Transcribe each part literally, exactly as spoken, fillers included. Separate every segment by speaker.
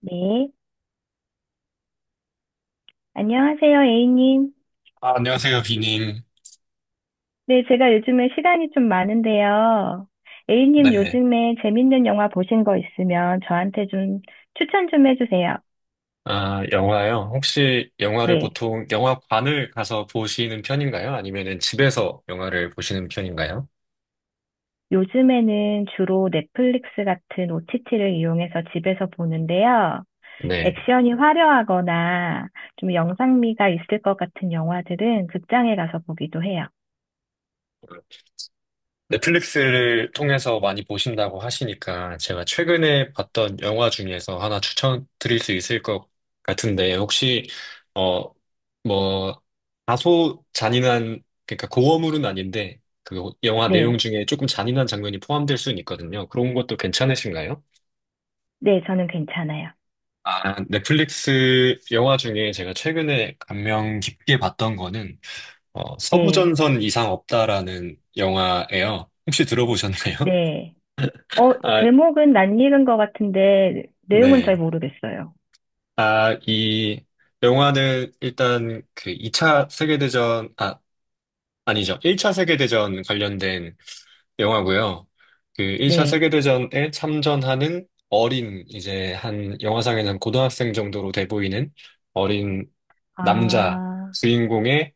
Speaker 1: 네. 안녕하세요, A님.
Speaker 2: 아, 안녕하세요, 비님.
Speaker 1: 네, 제가 요즘에 시간이 좀 많은데요. A님
Speaker 2: 네.
Speaker 1: 요즘에 재밌는 영화 보신 거 있으면 저한테 좀 추천 좀 해주세요.
Speaker 2: 아, 영화요? 혹시 영화를
Speaker 1: 네.
Speaker 2: 보통 영화관을 가서 보시는 편인가요? 아니면은 집에서 영화를 보시는 편인가요?
Speaker 1: 요즘에는 주로 넷플릭스 같은 오티티를 이용해서 집에서 보는데요.
Speaker 2: 네.
Speaker 1: 액션이 화려하거나 좀 영상미가 있을 것 같은 영화들은 극장에 가서 보기도 해요.
Speaker 2: 넷플릭스를 통해서 많이 보신다고 하시니까 제가 최근에 봤던 영화 중에서 하나 추천드릴 수 있을 것 같은데 혹시 어, 뭐 다소 잔인한 그러니까 고어물은 아닌데 그 영화 내용
Speaker 1: 네.
Speaker 2: 중에 조금 잔인한 장면이 포함될 수는 있거든요. 그런 것도 괜찮으신가요?
Speaker 1: 네, 저는 괜찮아요.
Speaker 2: 아, 넷플릭스 영화 중에 제가 최근에 감명 깊게 봤던 거는 어,
Speaker 1: 네.
Speaker 2: 서부전선 이상 없다라는 영화예요. 혹시 들어보셨나요?
Speaker 1: 네. 어,
Speaker 2: 아,
Speaker 1: 제목은 낯 익은 것 같은데, 내용은 잘
Speaker 2: 네.
Speaker 1: 모르겠어요.
Speaker 2: 아, 이 영화는 일단 그 이 차 세계대전, 아, 아니죠. 일 차 세계대전 관련된 영화고요. 그 일 차
Speaker 1: 네,
Speaker 2: 세계대전에 참전하는 어린, 이제 한 영화상에는 고등학생 정도로 돼 보이는 어린 남자
Speaker 1: 아,
Speaker 2: 주인공의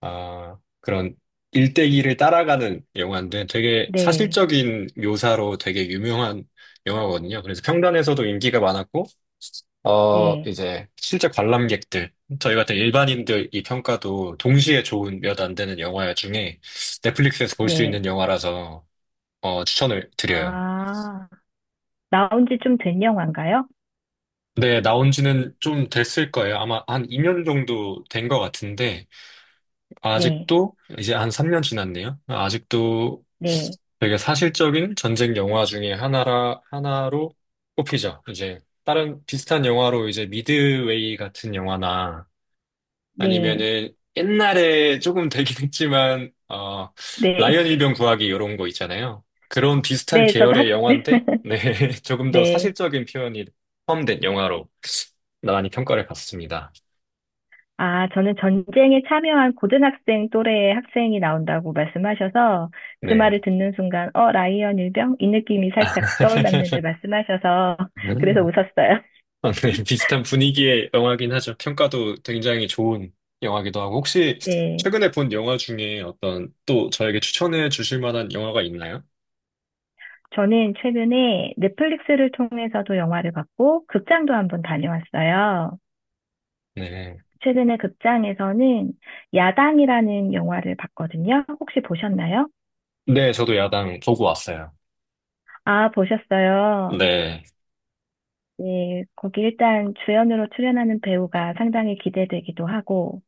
Speaker 2: 아, 그런 일대기를 따라가는 영화인데 되게
Speaker 1: 네,
Speaker 2: 사실적인 묘사로 되게 유명한 영화거든요. 그래서 평단에서도 인기가 많았고, 어,
Speaker 1: 네,
Speaker 2: 이제 실제 관람객들, 저희 같은 일반인들 이 평가도 동시에 좋은 몇 안 되는 영화 중에 넷플릭스에서 볼 수 있는
Speaker 1: 네.
Speaker 2: 영화라서 어, 추천을 드려요.
Speaker 1: 아, 나온 지 좀 된 영화인가요?
Speaker 2: 네, 나온 지는 좀 됐을 거예요. 아마 한 이 년 정도 된 것 같은데,
Speaker 1: 네,
Speaker 2: 아직도 이제 한 삼 년 지났네요. 아직도
Speaker 1: 네,
Speaker 2: 되게 사실적인 전쟁 영화 중에 하나라 하나로 꼽히죠. 이제 다른 비슷한 영화로 이제 미드웨이 같은 영화나
Speaker 1: 네,
Speaker 2: 아니면은 옛날에 조금 되긴 했지만 어
Speaker 1: 네.
Speaker 2: 라이언 일병 구하기 이런 거 있잖아요. 그런 비슷한
Speaker 1: 네, 저도 학,
Speaker 2: 계열의 영화인데 네 조금 더
Speaker 1: 네.
Speaker 2: 사실적인 표현이 포함된 영화로 많이 평가를 받습니다.
Speaker 1: 아, 저는 전쟁에 참여한 고등학생 또래의 학생이 나온다고 말씀하셔서 그 말을
Speaker 2: 네.
Speaker 1: 듣는 순간, 어, 라이언 일병? 이 느낌이 살짝 떠올랐는데 말씀하셔서 그래서 웃었어요.
Speaker 2: 아, 네, 비슷한 분위기의 영화긴 하죠. 평가도 굉장히 좋은 영화기도 하고. 혹시
Speaker 1: 네.
Speaker 2: 최근에 본 영화 중에 어떤 또 저에게 추천해 주실 만한 영화가 있나요?
Speaker 1: 저는 최근에 넷플릭스를 통해서도 영화를 봤고, 극장도 한번 다녀왔어요.
Speaker 2: 네.
Speaker 1: 최근에 극장에서는 야당이라는 영화를 봤거든요. 혹시 보셨나요?
Speaker 2: 네, 저도 야당 보고 왔어요.
Speaker 1: 아, 보셨어요.
Speaker 2: 네.
Speaker 1: 네, 거기 일단 주연으로 출연하는 배우가 상당히 기대되기도 하고,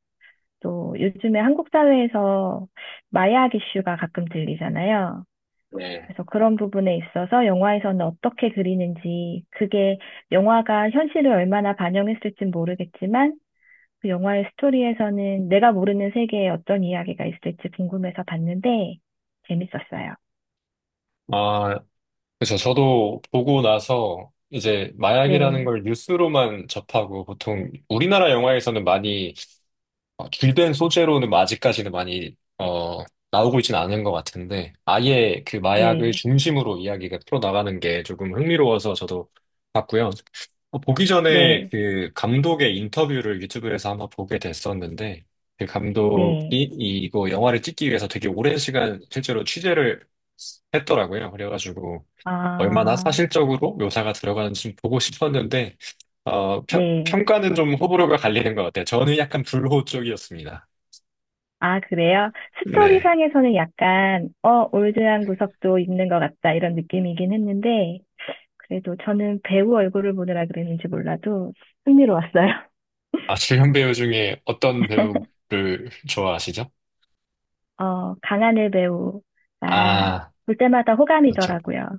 Speaker 1: 또 요즘에 한국 사회에서 마약 이슈가 가끔 들리잖아요.
Speaker 2: 네.
Speaker 1: 그래서 그런 부분에 있어서 영화에서는 어떻게 그리는지, 그게 영화가 현실을 얼마나 반영했을진 모르겠지만, 그 영화의 스토리에서는 내가 모르는 세계에 어떤 이야기가 있을지 궁금해서 봤는데 재밌었어요.
Speaker 2: 아, 그렇죠. 저도 보고 나서 이제 마약이라는
Speaker 1: 네,
Speaker 2: 걸 뉴스로만 접하고 보통 우리나라 영화에서는 많이 어, 줄된 소재로는 아직까지는 많이 어, 나오고 있지는 않은 것 같은데 아예 그 마약을
Speaker 1: 네,
Speaker 2: 중심으로 이야기가 풀어나가는 게 조금 흥미로워서 저도 봤고요. 어, 보기 전에
Speaker 1: 네,
Speaker 2: 그 감독의 인터뷰를 유튜브에서 한번 보게 됐었는데 그 감독이
Speaker 1: 네.
Speaker 2: 이거 영화를 찍기 위해서 되게 오랜 시간 실제로 취재를 했더라고요. 그래가지고 얼마나
Speaker 1: 아,
Speaker 2: 사실적으로 묘사가 들어가는지 좀 보고 싶었는데 어, 평,
Speaker 1: 네.
Speaker 2: 평가는 좀 호불호가 갈리는 것 같아요. 저는 약간 불호 쪽이었습니다.
Speaker 1: 아, 그래요?
Speaker 2: 네.
Speaker 1: 스토리상에서는 약간, 어, 올드한 구석도 있는 것 같다, 이런 느낌이긴 했는데, 그래도 저는 배우 얼굴을 보느라 그랬는지 몰라도 흥미로웠어요.
Speaker 2: 아, 주연 배우 중에 어떤 배우를 좋아하시죠?
Speaker 1: 어, 강하늘 배우가
Speaker 2: 아,
Speaker 1: 볼 때마다
Speaker 2: 그렇죠.
Speaker 1: 호감이더라고요.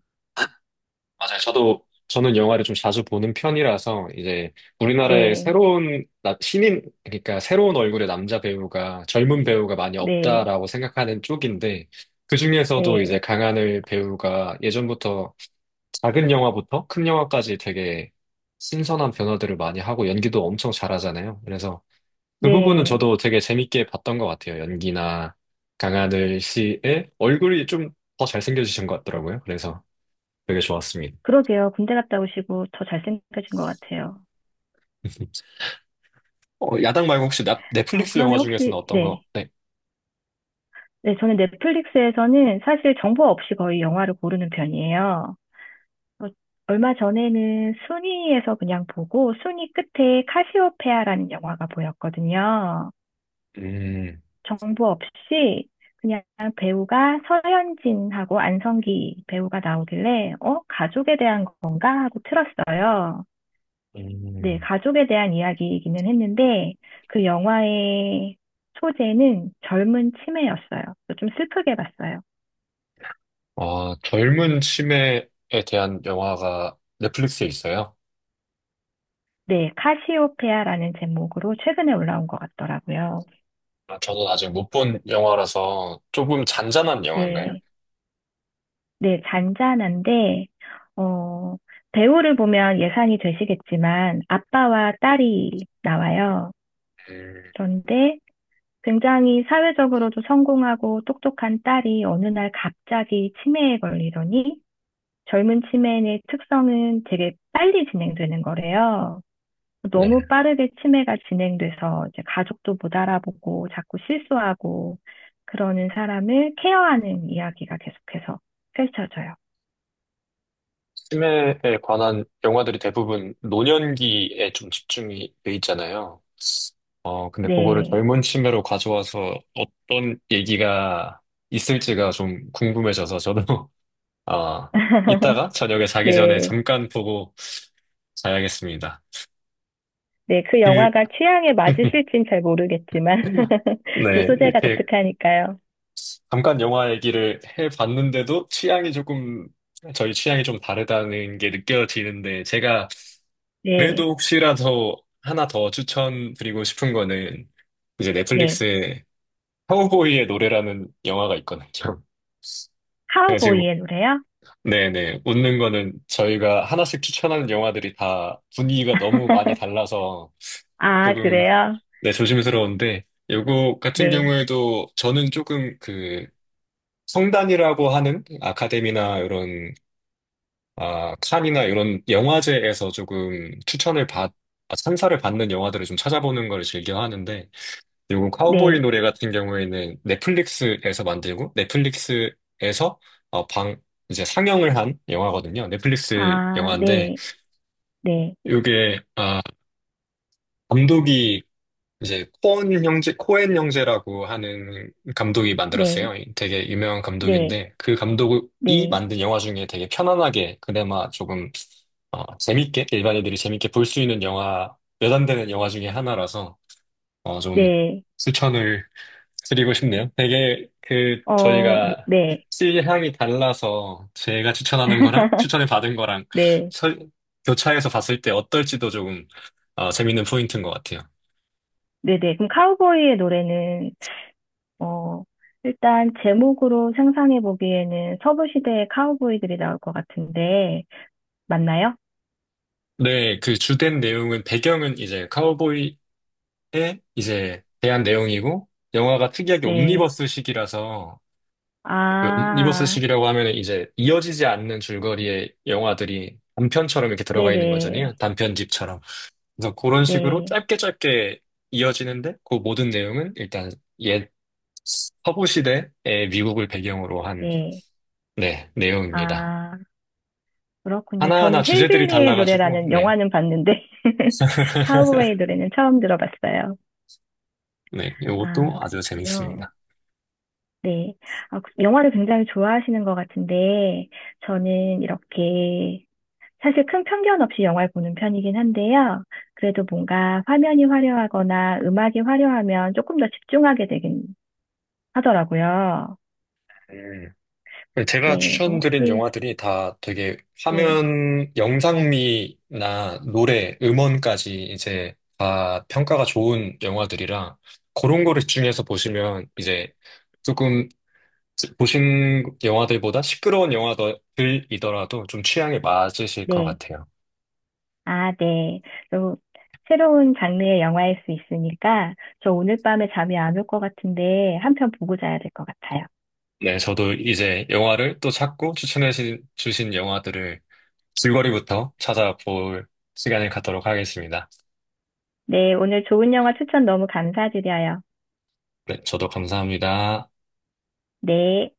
Speaker 2: 맞아요. 저도, 저는 영화를 좀 자주 보는 편이라서, 이제, 우리나라에
Speaker 1: 네,
Speaker 2: 새로운, 나- 신인, 그러니까 새로운 얼굴의 남자 배우가, 젊은 배우가 많이
Speaker 1: 네,
Speaker 2: 없다라고 생각하는 쪽인데, 그중에서도 이제
Speaker 1: 네,
Speaker 2: 강하늘 배우가 예전부터 작은 영화부터 큰 영화까지 되게 신선한 변화들을 많이 하고 연기도 엄청 잘하잖아요. 그래서 그 부분은
Speaker 1: 네.
Speaker 2: 저도 되게 재밌게 봤던 것 같아요. 연기나 강하늘 씨의 얼굴이 좀 더 잘생겨지신 것 같더라고요. 그래서 되게 좋았습니다.
Speaker 1: 그러게요. 군대 갔다 오시고 더 잘생겨진 것 같아요.
Speaker 2: 어, 야당 말고 혹시 나-
Speaker 1: 어,
Speaker 2: 넷플릭스 영화
Speaker 1: 그러면
Speaker 2: 중에서는
Speaker 1: 혹시,
Speaker 2: 어떤 거?
Speaker 1: 네.
Speaker 2: 네.
Speaker 1: 네, 저는 넷플릭스에서는 사실 정보 없이 거의 영화를 고르는 편이에요. 어, 얼마 전에는 순위에서 그냥 보고 순위 끝에 카시오페아라는 영화가 보였거든요.
Speaker 2: 음,
Speaker 1: 정보 없이 그냥 배우가 서현진하고 안성기 배우가 나오길래, 어, 가족에 대한 건가? 하고 틀었어요. 네,
Speaker 2: 음.
Speaker 1: 가족에 대한 이야기이기는 했는데, 그 영화의 소재는 젊은 치매였어요. 그래서 좀 슬프게 봤어요.
Speaker 2: 아, 젊은 치매에 대한 영화가 넷플릭스에 있어요?
Speaker 1: 네, 카시오페아라는 제목으로 최근에 올라온 것 같더라고요.
Speaker 2: 아, 저는 아직 못 본 영화라서 조금 잔잔한 영화인가요?
Speaker 1: 네, 네, 잔잔한데, 어, 배우를 보면 예상이 되시겠지만, 아빠와 딸이 나와요.
Speaker 2: 음,
Speaker 1: 그런데 굉장히 사회적으로도 성공하고 똑똑한 딸이 어느 날 갑자기 치매에 걸리더니, 젊은 치매의 특성은 되게 빨리 진행되는 거래요.
Speaker 2: 네.
Speaker 1: 너무 빠르게 치매가 진행돼서 이제 가족도 못 알아보고 자꾸 실수하고 그러는 사람을 케어하는 이야기가 계속해서 펼쳐져요.
Speaker 2: 치매에 관한 영화들이 대부분 노년기에 좀 집중이 돼 있잖아요. 어, 근데 그거를
Speaker 1: 네.
Speaker 2: 젊은 치매로 가져와서 어떤 얘기가 있을지가 좀 궁금해져서 저도, 아, 이따가 저녁에 자기 전에
Speaker 1: 네.
Speaker 2: 잠깐 보고 자야겠습니다.
Speaker 1: 네. 그
Speaker 2: 그,
Speaker 1: 영화가 취향에 맞으실진 잘 모르겠지만 또
Speaker 2: 네,
Speaker 1: 소재가
Speaker 2: 이렇게
Speaker 1: 독특하니까요.
Speaker 2: 잠깐 영화 얘기를 해봤는데도 취향이 조금, 저희 취향이 좀 다르다는 게 느껴지는데, 제가 그래도
Speaker 1: 네.
Speaker 2: 혹시라도 하나 더 추천드리고 싶은 거는, 이제
Speaker 1: 네.
Speaker 2: 넷플릭스에 카우보이의 노래라는 영화가 있거든요. 제가 지금,
Speaker 1: 카우보이의 노래요?
Speaker 2: 네네, 웃는 거는 저희가 하나씩 추천하는 영화들이 다 분위기가 너무 많이 달라서
Speaker 1: 아,
Speaker 2: 조금,
Speaker 1: 그래요?
Speaker 2: 네, 조심스러운데, 요거 같은
Speaker 1: 네.
Speaker 2: 경우에도 저는 조금 그 성단이라고 하는 아카데미나 이런, 아, 칸이나 이런 영화제에서 조금 추천을 받, 아, 찬사를 받는 영화들을 좀 찾아보는 걸 즐겨 하는데, 그리고 카우보이
Speaker 1: 네.
Speaker 2: 노래 같은 경우에는 넷플릭스에서 만들고 넷플릭스에서 어, 방 이제 상영을 한 영화거든요. 넷플릭스
Speaker 1: 아,
Speaker 2: 영화인데
Speaker 1: 네. 네,
Speaker 2: 이게 아, 감독이 이제 코엔 형제 코엔 형제라고 하는 감독이 만들었어요.
Speaker 1: 네,
Speaker 2: 되게 유명한
Speaker 1: 네,
Speaker 2: 감독인데 그 감독이
Speaker 1: 네,
Speaker 2: 만든 영화 중에 되게 편안하게 그나마 조금 어, 재밌게 일반인들이 재밌게 볼 수 있는 영화 몇 안 되는 영화 중에 하나라서 어, 좀
Speaker 1: 네,
Speaker 2: 추천을 드리고 싶네요. 되게 그
Speaker 1: 어,
Speaker 2: 저희가
Speaker 1: 네,
Speaker 2: 취향이 달라서 제가 추천하는 거랑 추천을 받은 거랑
Speaker 1: 네,
Speaker 2: 설- 교차해서 봤을 때 어떨지도 조금 어, 재밌는 포인트인 것 같아요.
Speaker 1: 네, 네. 그럼 카우보이의 노래는, 어, 일단 제목으로 상상해 보기에는 서부 시대의 카우보이들이 나올 것 같은데, 맞나요?
Speaker 2: 네, 그 주된 내용은 배경은 이제 카우보이의 이제 대한 내용이고 영화가 특이하게
Speaker 1: 네,
Speaker 2: 옴니버스식이라서 그
Speaker 1: 아,
Speaker 2: 옴니버스식이라고 하면은 이제 이어지지 않는 줄거리의 영화들이 단편처럼 이렇게 들어가 있는 거잖아요.
Speaker 1: 네네,
Speaker 2: 단편집처럼. 그래서 그런 식으로
Speaker 1: 네,
Speaker 2: 짧게 짧게 이어지는데 그 모든 내용은 일단 옛 서부 시대의 미국을 배경으로
Speaker 1: 네,
Speaker 2: 한
Speaker 1: 네.
Speaker 2: 네, 내용입니다.
Speaker 1: 아, 그렇군요.
Speaker 2: 하나하나
Speaker 1: 저는
Speaker 2: 주제들이
Speaker 1: 힐빌리의
Speaker 2: 달라가지고
Speaker 1: 노래라는
Speaker 2: 네.
Speaker 1: 영화는 봤는데, 카우보이의 노래는 처음 들어봤어요.
Speaker 2: 네,
Speaker 1: 아,
Speaker 2: 이것도 아주
Speaker 1: 그렇군요.
Speaker 2: 재밌습니다.
Speaker 1: 네. 아, 그- 영화를 굉장히 좋아하시는 것 같은데, 저는 이렇게, 사실 큰 편견 없이 영화를 보는 편이긴 한데요. 그래도 뭔가 화면이 화려하거나 음악이 화려하면 조금 더 집중하게 되긴 하더라고요.
Speaker 2: 음. 제가
Speaker 1: 네. 그래서
Speaker 2: 추천드린
Speaker 1: 혹시,
Speaker 2: 영화들이 다 되게
Speaker 1: 네,
Speaker 2: 화면, 영상미나 노래, 음원까지 이제 다 평가가 좋은 영화들이라 그런 거를 집중해서 보시면 이제 조금 보신 영화들보다 시끄러운 영화들이더라도 좀 취향에 맞으실 것
Speaker 1: 네.
Speaker 2: 같아요.
Speaker 1: 아, 네. 또, 새로운 장르의 영화일 수 있으니까, 저 오늘 밤에 잠이 안 올 것 같은데, 한편 보고 자야 될 것 같아요.
Speaker 2: 네, 저도 이제 영화를 또 찾고 추천해 주- 주신 영화들을 줄거리부터 찾아볼 시간을 갖도록 하겠습니다.
Speaker 1: 네. 오늘 좋은 영화 추천 너무 감사드려요.
Speaker 2: 네, 저도 감사합니다.
Speaker 1: 네.